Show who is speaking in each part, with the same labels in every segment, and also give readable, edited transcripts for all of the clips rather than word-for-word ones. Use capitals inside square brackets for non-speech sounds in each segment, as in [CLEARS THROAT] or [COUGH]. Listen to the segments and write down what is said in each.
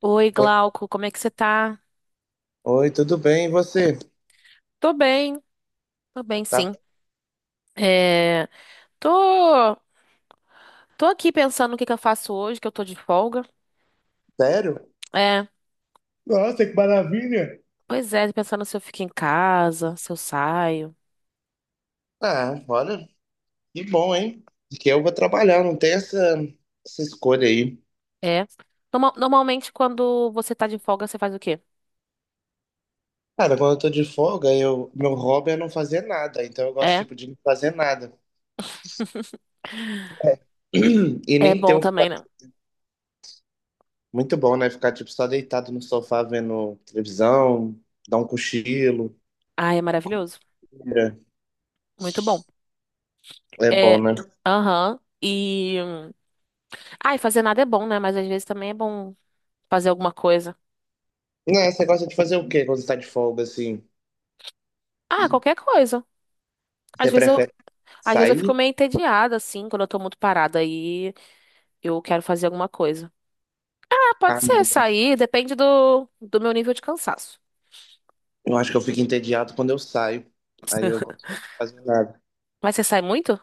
Speaker 1: Oi,
Speaker 2: Oi,
Speaker 1: Glauco, como é que você tá?
Speaker 2: oi, tudo bem? E você?
Speaker 1: Tô bem, tô bem,
Speaker 2: Tá
Speaker 1: sim. É, tô, tô aqui pensando o que que eu faço hoje, que eu tô de folga.
Speaker 2: sério?
Speaker 1: É,
Speaker 2: Nossa, que maravilha!
Speaker 1: pois é, pensando se eu fico em casa, se eu saio.
Speaker 2: Ah, olha, que bom, hein? Porque eu vou trabalhar, não tem essa, essa escolha aí.
Speaker 1: É. Normalmente, quando você tá de folga, você faz o quê?
Speaker 2: Cara, quando eu tô de folga, meu hobby é não fazer nada, então eu gosto,
Speaker 1: É.
Speaker 2: tipo, de não fazer nada.
Speaker 1: [LAUGHS]
Speaker 2: [CLEARS THROAT] E
Speaker 1: É
Speaker 2: nem ter
Speaker 1: bom
Speaker 2: o que
Speaker 1: também, né?
Speaker 2: fazer. Muito bom, né? Ficar, tipo, só deitado no sofá vendo televisão, dar um cochilo.
Speaker 1: Ai, é maravilhoso.
Speaker 2: É
Speaker 1: Muito bom.
Speaker 2: é bom,
Speaker 1: É,
Speaker 2: né?
Speaker 1: aham. E. Ai, fazer nada é bom, né? Mas às vezes também é bom fazer alguma coisa.
Speaker 2: Né, você gosta de fazer o quê quando você tá de folga, assim?
Speaker 1: Ah, qualquer coisa. Às
Speaker 2: Você
Speaker 1: vezes eu,
Speaker 2: prefere
Speaker 1: Às vezes eu fico
Speaker 2: sair?
Speaker 1: meio entediada, assim, quando eu tô muito parada aí, eu quero fazer alguma coisa. Ah,
Speaker 2: Ah,
Speaker 1: pode ser
Speaker 2: não.
Speaker 1: sair, depende do meu nível de cansaço.
Speaker 2: Eu acho que eu fico entediado quando eu saio. Aí eu gosto de
Speaker 1: [LAUGHS]
Speaker 2: fazer nada.
Speaker 1: Mas você sai muito?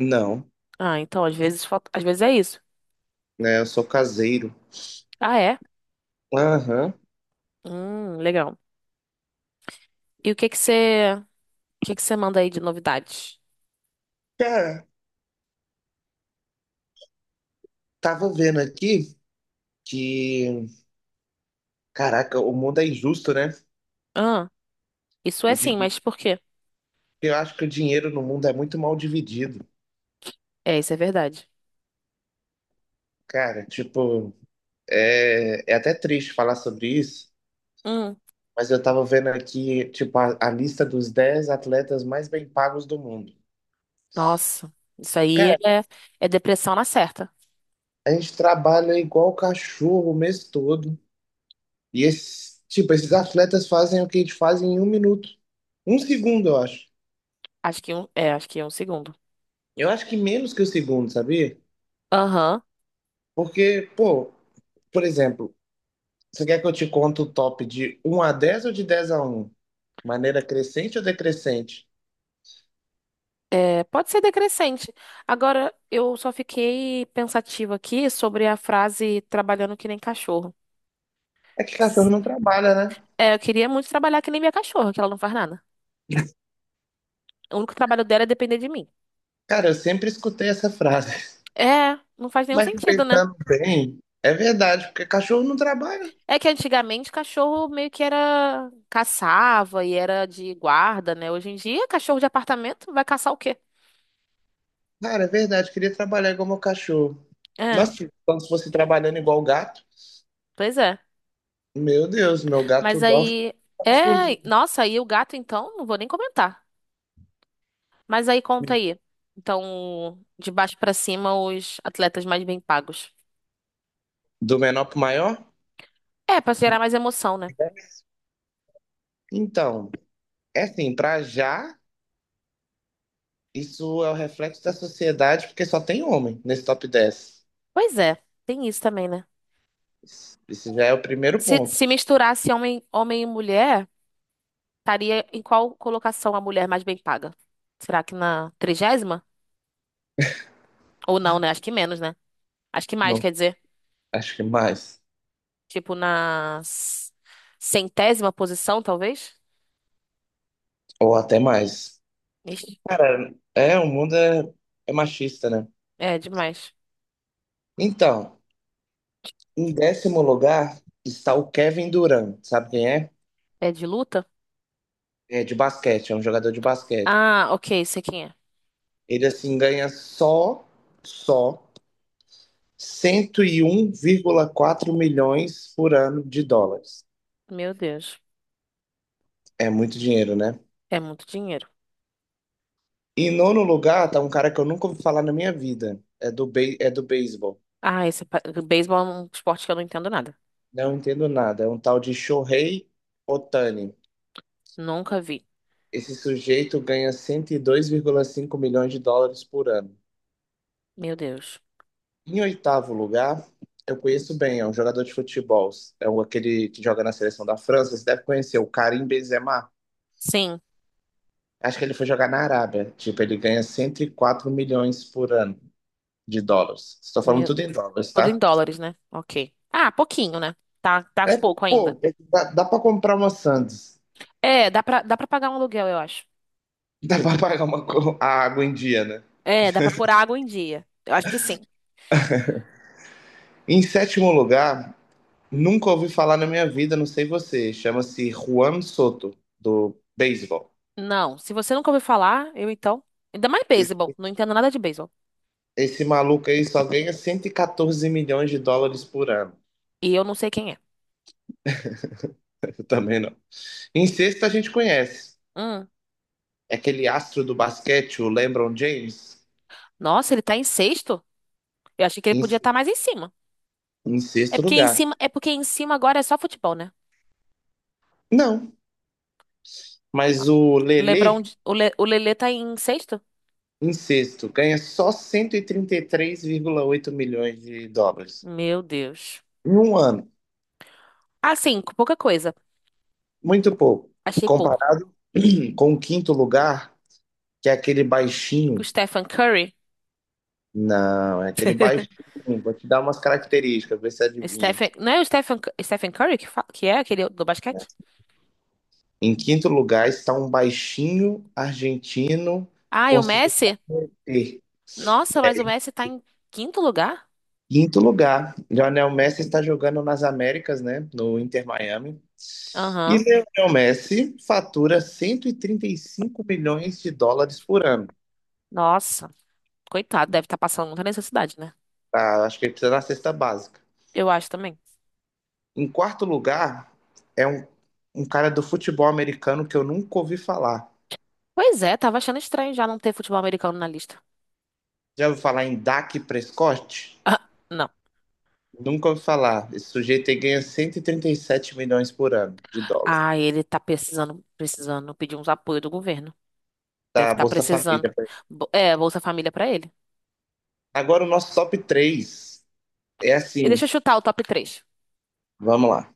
Speaker 2: Não,
Speaker 1: Ah, então, às vezes, às vezes é isso.
Speaker 2: né? Eu sou caseiro.
Speaker 1: Ah, é?
Speaker 2: Aham.
Speaker 1: Legal. E o que que você manda aí de novidades?
Speaker 2: Cara, tava vendo aqui que, caraca, o mundo é injusto, né?
Speaker 1: Ah, isso
Speaker 2: O
Speaker 1: é sim,
Speaker 2: di-
Speaker 1: mas por quê?
Speaker 2: Eu acho que o dinheiro no mundo é muito mal dividido.
Speaker 1: É, isso é verdade.
Speaker 2: Cara, tipo, é até triste falar sobre isso,
Speaker 1: Hum,
Speaker 2: mas eu tava vendo aqui, tipo, a lista dos 10 atletas mais bem pagos do mundo.
Speaker 1: nossa, isso aí
Speaker 2: Cara,
Speaker 1: é depressão na certa.
Speaker 2: a gente trabalha igual cachorro o mês todo. E esses, tipo, esses atletas fazem o que eles fazem em um minuto. Um segundo, eu acho.
Speaker 1: Acho que é um segundo.
Speaker 2: Eu acho que menos que o segundo, sabia?
Speaker 1: Aham.
Speaker 2: Porque, pô, por exemplo, você quer que eu te conte o top de um a 10 ou de 10 a um? Maneira crescente ou decrescente?
Speaker 1: É, pode ser decrescente. Agora, eu só fiquei pensativa aqui sobre a frase trabalhando que nem cachorro.
Speaker 2: É que cachorro não trabalha, né?
Speaker 1: É, eu queria muito trabalhar que nem minha cachorra, que ela não faz nada. O único trabalho dela é depender de mim.
Speaker 2: Cara, eu sempre escutei essa frase.
Speaker 1: É, não faz
Speaker 2: [LAUGHS]
Speaker 1: nenhum
Speaker 2: Mas
Speaker 1: sentido, né?
Speaker 2: pensando bem, é verdade, porque cachorro não trabalha.
Speaker 1: É que antigamente cachorro meio que era caçava e era de guarda, né? Hoje em dia, cachorro de apartamento vai caçar o quê?
Speaker 2: Cara, é verdade, queria trabalhar igual meu cachorro.
Speaker 1: É,
Speaker 2: Nossa, então se fosse trabalhando igual o gato,
Speaker 1: pois é.
Speaker 2: meu Deus, meu gato
Speaker 1: Mas
Speaker 2: dorme
Speaker 1: aí,
Speaker 2: horas por dia.
Speaker 1: é, nossa, aí o gato então, não vou nem comentar. Mas aí conta aí. Então, de baixo pra cima, os atletas mais bem pagos.
Speaker 2: Do menor para o maior?
Speaker 1: É, pra gerar mais emoção, né?
Speaker 2: Então, é assim, para já, isso é o reflexo da sociedade, porque só tem homem nesse top 10.
Speaker 1: Pois é, tem isso também, né?
Speaker 2: Esse já é o primeiro
Speaker 1: Se
Speaker 2: ponto.
Speaker 1: misturasse homem e mulher, estaria em qual colocação a mulher mais bem paga? Será que na 30ª? Ou não, né? Acho que menos, né? Acho que mais,
Speaker 2: Não,
Speaker 1: quer dizer.
Speaker 2: acho que mais.
Speaker 1: Tipo, na 100ª posição, talvez?
Speaker 2: Ou até mais.
Speaker 1: Ixi,
Speaker 2: Cara, é machista, né?
Speaker 1: é demais.
Speaker 2: Então, em décimo lugar está o Kevin Durant. Sabe quem é?
Speaker 1: É de luta?
Speaker 2: É de basquete, é um jogador de basquete.
Speaker 1: Ah, ok, sei quem é.
Speaker 2: Ele, assim, só 101,4 milhões por ano de dólares.
Speaker 1: Meu Deus,
Speaker 2: É muito dinheiro, né?
Speaker 1: é muito dinheiro.
Speaker 2: Em nono lugar, tá um cara que eu nunca ouvi falar na minha vida. É do, be é do beisebol.
Speaker 1: Ah, esse beisebol é um esporte que eu não entendo nada.
Speaker 2: Não entendo nada. É um tal de Shohei Otani.
Speaker 1: Nunca vi.
Speaker 2: Esse sujeito ganha 102,5 milhões de dólares por ano.
Speaker 1: Meu Deus.
Speaker 2: Em oitavo lugar, eu conheço bem, é um jogador de futebol. É o aquele que joga na seleção da França. Você deve conhecer, o Karim Benzema.
Speaker 1: Sim,
Speaker 2: Acho que ele foi jogar na Arábia. Tipo, ele ganha 104 milhões por ano de dólares. Estou falando
Speaker 1: meu-
Speaker 2: tudo em dólares,
Speaker 1: tudo em
Speaker 2: tá?
Speaker 1: dólares, né? Ok. Ah, pouquinho, né? Tá, tá
Speaker 2: É,
Speaker 1: pouco ainda.
Speaker 2: pô, é que dá para comprar uma Sandes.
Speaker 1: É, dá pra pagar um aluguel, eu acho.
Speaker 2: [LAUGHS] Dá para pagar a água em dia, né?
Speaker 1: É, dá pra pôr água em dia. Eu acho que sim.
Speaker 2: Em sétimo lugar, nunca ouvi falar na minha vida, não sei você. Chama-se Juan Soto, do beisebol.
Speaker 1: Não, se você nunca ouviu falar, eu então. Ainda mais beisebol. Não entendo nada de beisebol.
Speaker 2: Esse maluco aí só ganha 114 milhões de dólares por ano.
Speaker 1: E eu não sei quem é.
Speaker 2: Eu também não. Em sexto, a gente conhece.
Speaker 1: Hum.
Speaker 2: É aquele astro do basquete, o LeBron James,
Speaker 1: Nossa, ele tá em sexto? Eu achei que ele
Speaker 2: em,
Speaker 1: podia estar mais em cima.
Speaker 2: em
Speaker 1: É
Speaker 2: sexto
Speaker 1: porque em
Speaker 2: lugar.
Speaker 1: cima, é porque em cima agora é só futebol, né?
Speaker 2: Não, mas o Lele
Speaker 1: O Lelê tá em sexto?
Speaker 2: em sexto, ganha só 133,8 milhões de dólares
Speaker 1: Meu Deus.
Speaker 2: em um ano.
Speaker 1: Assim, pouca coisa.
Speaker 2: Muito pouco.
Speaker 1: Achei pouco.
Speaker 2: Comparado [CLEARS THROAT] com o quinto lugar, que é aquele
Speaker 1: O
Speaker 2: baixinho.
Speaker 1: Stephen Curry.
Speaker 2: Não, é aquele baixinho. Vou te dar umas características, ver se adivinha.
Speaker 1: Stephen, não é o Stephen Curry que é aquele do
Speaker 2: Né?
Speaker 1: basquete?
Speaker 2: Em quinto lugar está um baixinho argentino
Speaker 1: Ah, e o
Speaker 2: conseguindo
Speaker 1: Messi?
Speaker 2: ter.
Speaker 1: Nossa, mas o Messi tá em quinto lugar?
Speaker 2: Quinto lugar, Lionel Messi está jogando nas Américas, né? No Inter Miami. E
Speaker 1: Aham.
Speaker 2: Lionel Messi fatura 135 milhões de dólares por ano.
Speaker 1: Nossa. Coitado, deve estar passando muita necessidade, né?
Speaker 2: Tá? Acho que ele precisa da cesta básica.
Speaker 1: Eu acho também.
Speaker 2: Em quarto lugar, é um cara do futebol americano que eu nunca ouvi falar.
Speaker 1: Pois é, tava achando estranho já não ter futebol americano na lista.
Speaker 2: Já ouviu falar em Dak Prescott?
Speaker 1: Ah, não.
Speaker 2: Nunca ouvi falar. Esse sujeito aí ganha 137 milhões por ano de dólar
Speaker 1: Ah, ele tá precisando, precisando pedir uns apoio do governo. Deve
Speaker 2: da
Speaker 1: estar
Speaker 2: Bolsa
Speaker 1: precisando.
Speaker 2: Família.
Speaker 1: É, Bolsa Família pra ele.
Speaker 2: Agora o nosso top 3 é
Speaker 1: E
Speaker 2: assim,
Speaker 1: deixa eu chutar o top três.
Speaker 2: vamos lá.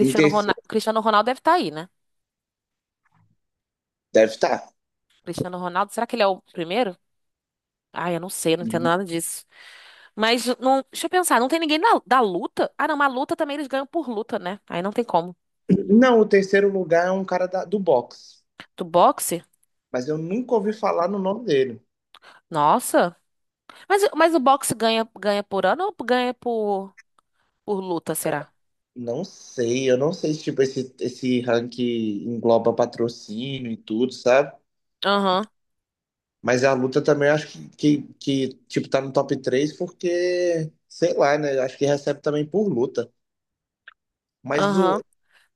Speaker 2: Em
Speaker 1: Ronaldo,
Speaker 2: terceiro,
Speaker 1: Cristiano Ronaldo deve estar aí, né?
Speaker 2: deve estar.
Speaker 1: Cristiano Ronaldo, será que ele é o primeiro? Ah, eu não sei, eu não entendo nada disso. Mas não, deixa eu pensar, não tem ninguém da luta? Ah, não, mas luta também eles ganham por luta, né? Aí não tem como.
Speaker 2: Não, o terceiro lugar é um do boxe,
Speaker 1: Do boxe?
Speaker 2: mas eu nunca ouvi falar no nome dele.
Speaker 1: Nossa. Mas o boxe ganha, ganha por ano ou ganha por luta, será?
Speaker 2: Não sei, eu não sei se tipo, esse ranking engloba patrocínio e tudo, sabe?
Speaker 1: Aham,
Speaker 2: Mas a luta também acho que, tipo, tá no top 3 porque, sei lá, né? Acho que recebe também por luta. Mas o
Speaker 1: aham,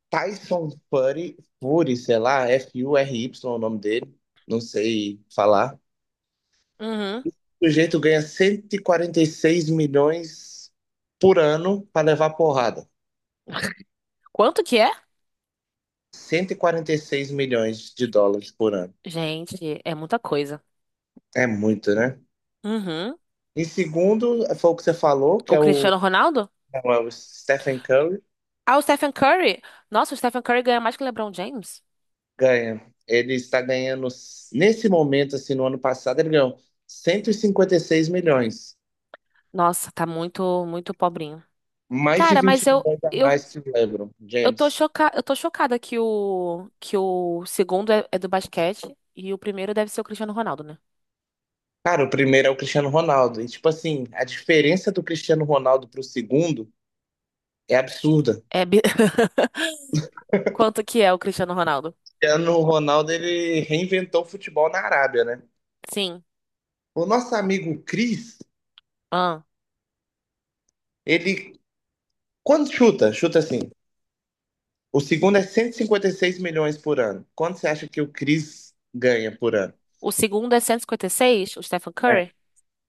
Speaker 2: Tyson Fury, sei lá, FURY é o nome dele, não sei falar.
Speaker 1: uhum.
Speaker 2: O sujeito ganha 146 milhões por ano pra levar porrada.
Speaker 1: Quanto que é?
Speaker 2: 146 milhões de dólares por ano.
Speaker 1: Gente, é muita coisa.
Speaker 2: É muito, né?
Speaker 1: Uhum.
Speaker 2: Em segundo, foi o que você falou,
Speaker 1: O Cristiano Ronaldo?
Speaker 2: é o Stephen Curry,
Speaker 1: Ah, o Stephen Curry. Nossa, o Stephen Curry ganha mais que o LeBron James.
Speaker 2: ganha. Ele está ganhando, nesse momento, assim, no ano passado, ele ganhou 156 milhões.
Speaker 1: Nossa, tá muito, muito pobrinho.
Speaker 2: Mais de
Speaker 1: Cara, mas
Speaker 2: 20
Speaker 1: eu,
Speaker 2: milhões a
Speaker 1: eu,
Speaker 2: mais que o LeBron
Speaker 1: eu tô
Speaker 2: James.
Speaker 1: choca... eu tô chocada que o segundo é do basquete e o primeiro deve ser o Cristiano Ronaldo, né?
Speaker 2: Cara, o primeiro é o Cristiano Ronaldo. E, tipo assim, a diferença do Cristiano Ronaldo pro segundo é absurda. O
Speaker 1: É bi- [LAUGHS] Quanto que é o Cristiano Ronaldo?
Speaker 2: Cristiano Ronaldo, ele reinventou o futebol na Arábia, né?
Speaker 1: Sim.
Speaker 2: O nosso amigo Cris,
Speaker 1: Ah.
Speaker 2: ele, quando chuta, chuta assim. O segundo é 156 milhões por ano. Quanto você acha que o Chris ganha por ano?
Speaker 1: O segundo é 156, o Stephen Curry.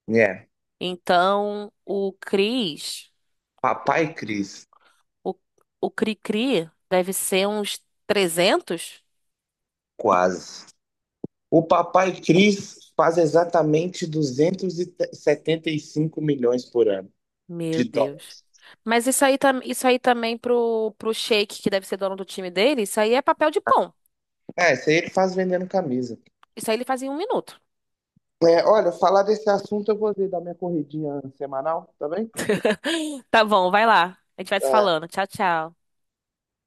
Speaker 2: É. É.
Speaker 1: Então,
Speaker 2: Papai Chris,
Speaker 1: o, o Cri-Cri deve ser uns 300.
Speaker 2: quase. O papai Chris faz exatamente 275 milhões por ano
Speaker 1: Meu
Speaker 2: de dólar.
Speaker 1: Deus. Mas isso aí, isso aí também pro Sheik, que deve ser dono do time dele, isso aí é papel de pão.
Speaker 2: É, isso aí ele faz vendendo camisa.
Speaker 1: Isso aí ele faz em um minuto.
Speaker 2: É, olha, falar desse assunto eu vou dar minha corridinha semanal, tá bem?
Speaker 1: [LAUGHS] Tá bom, vai lá. A gente vai se falando. Tchau, tchau.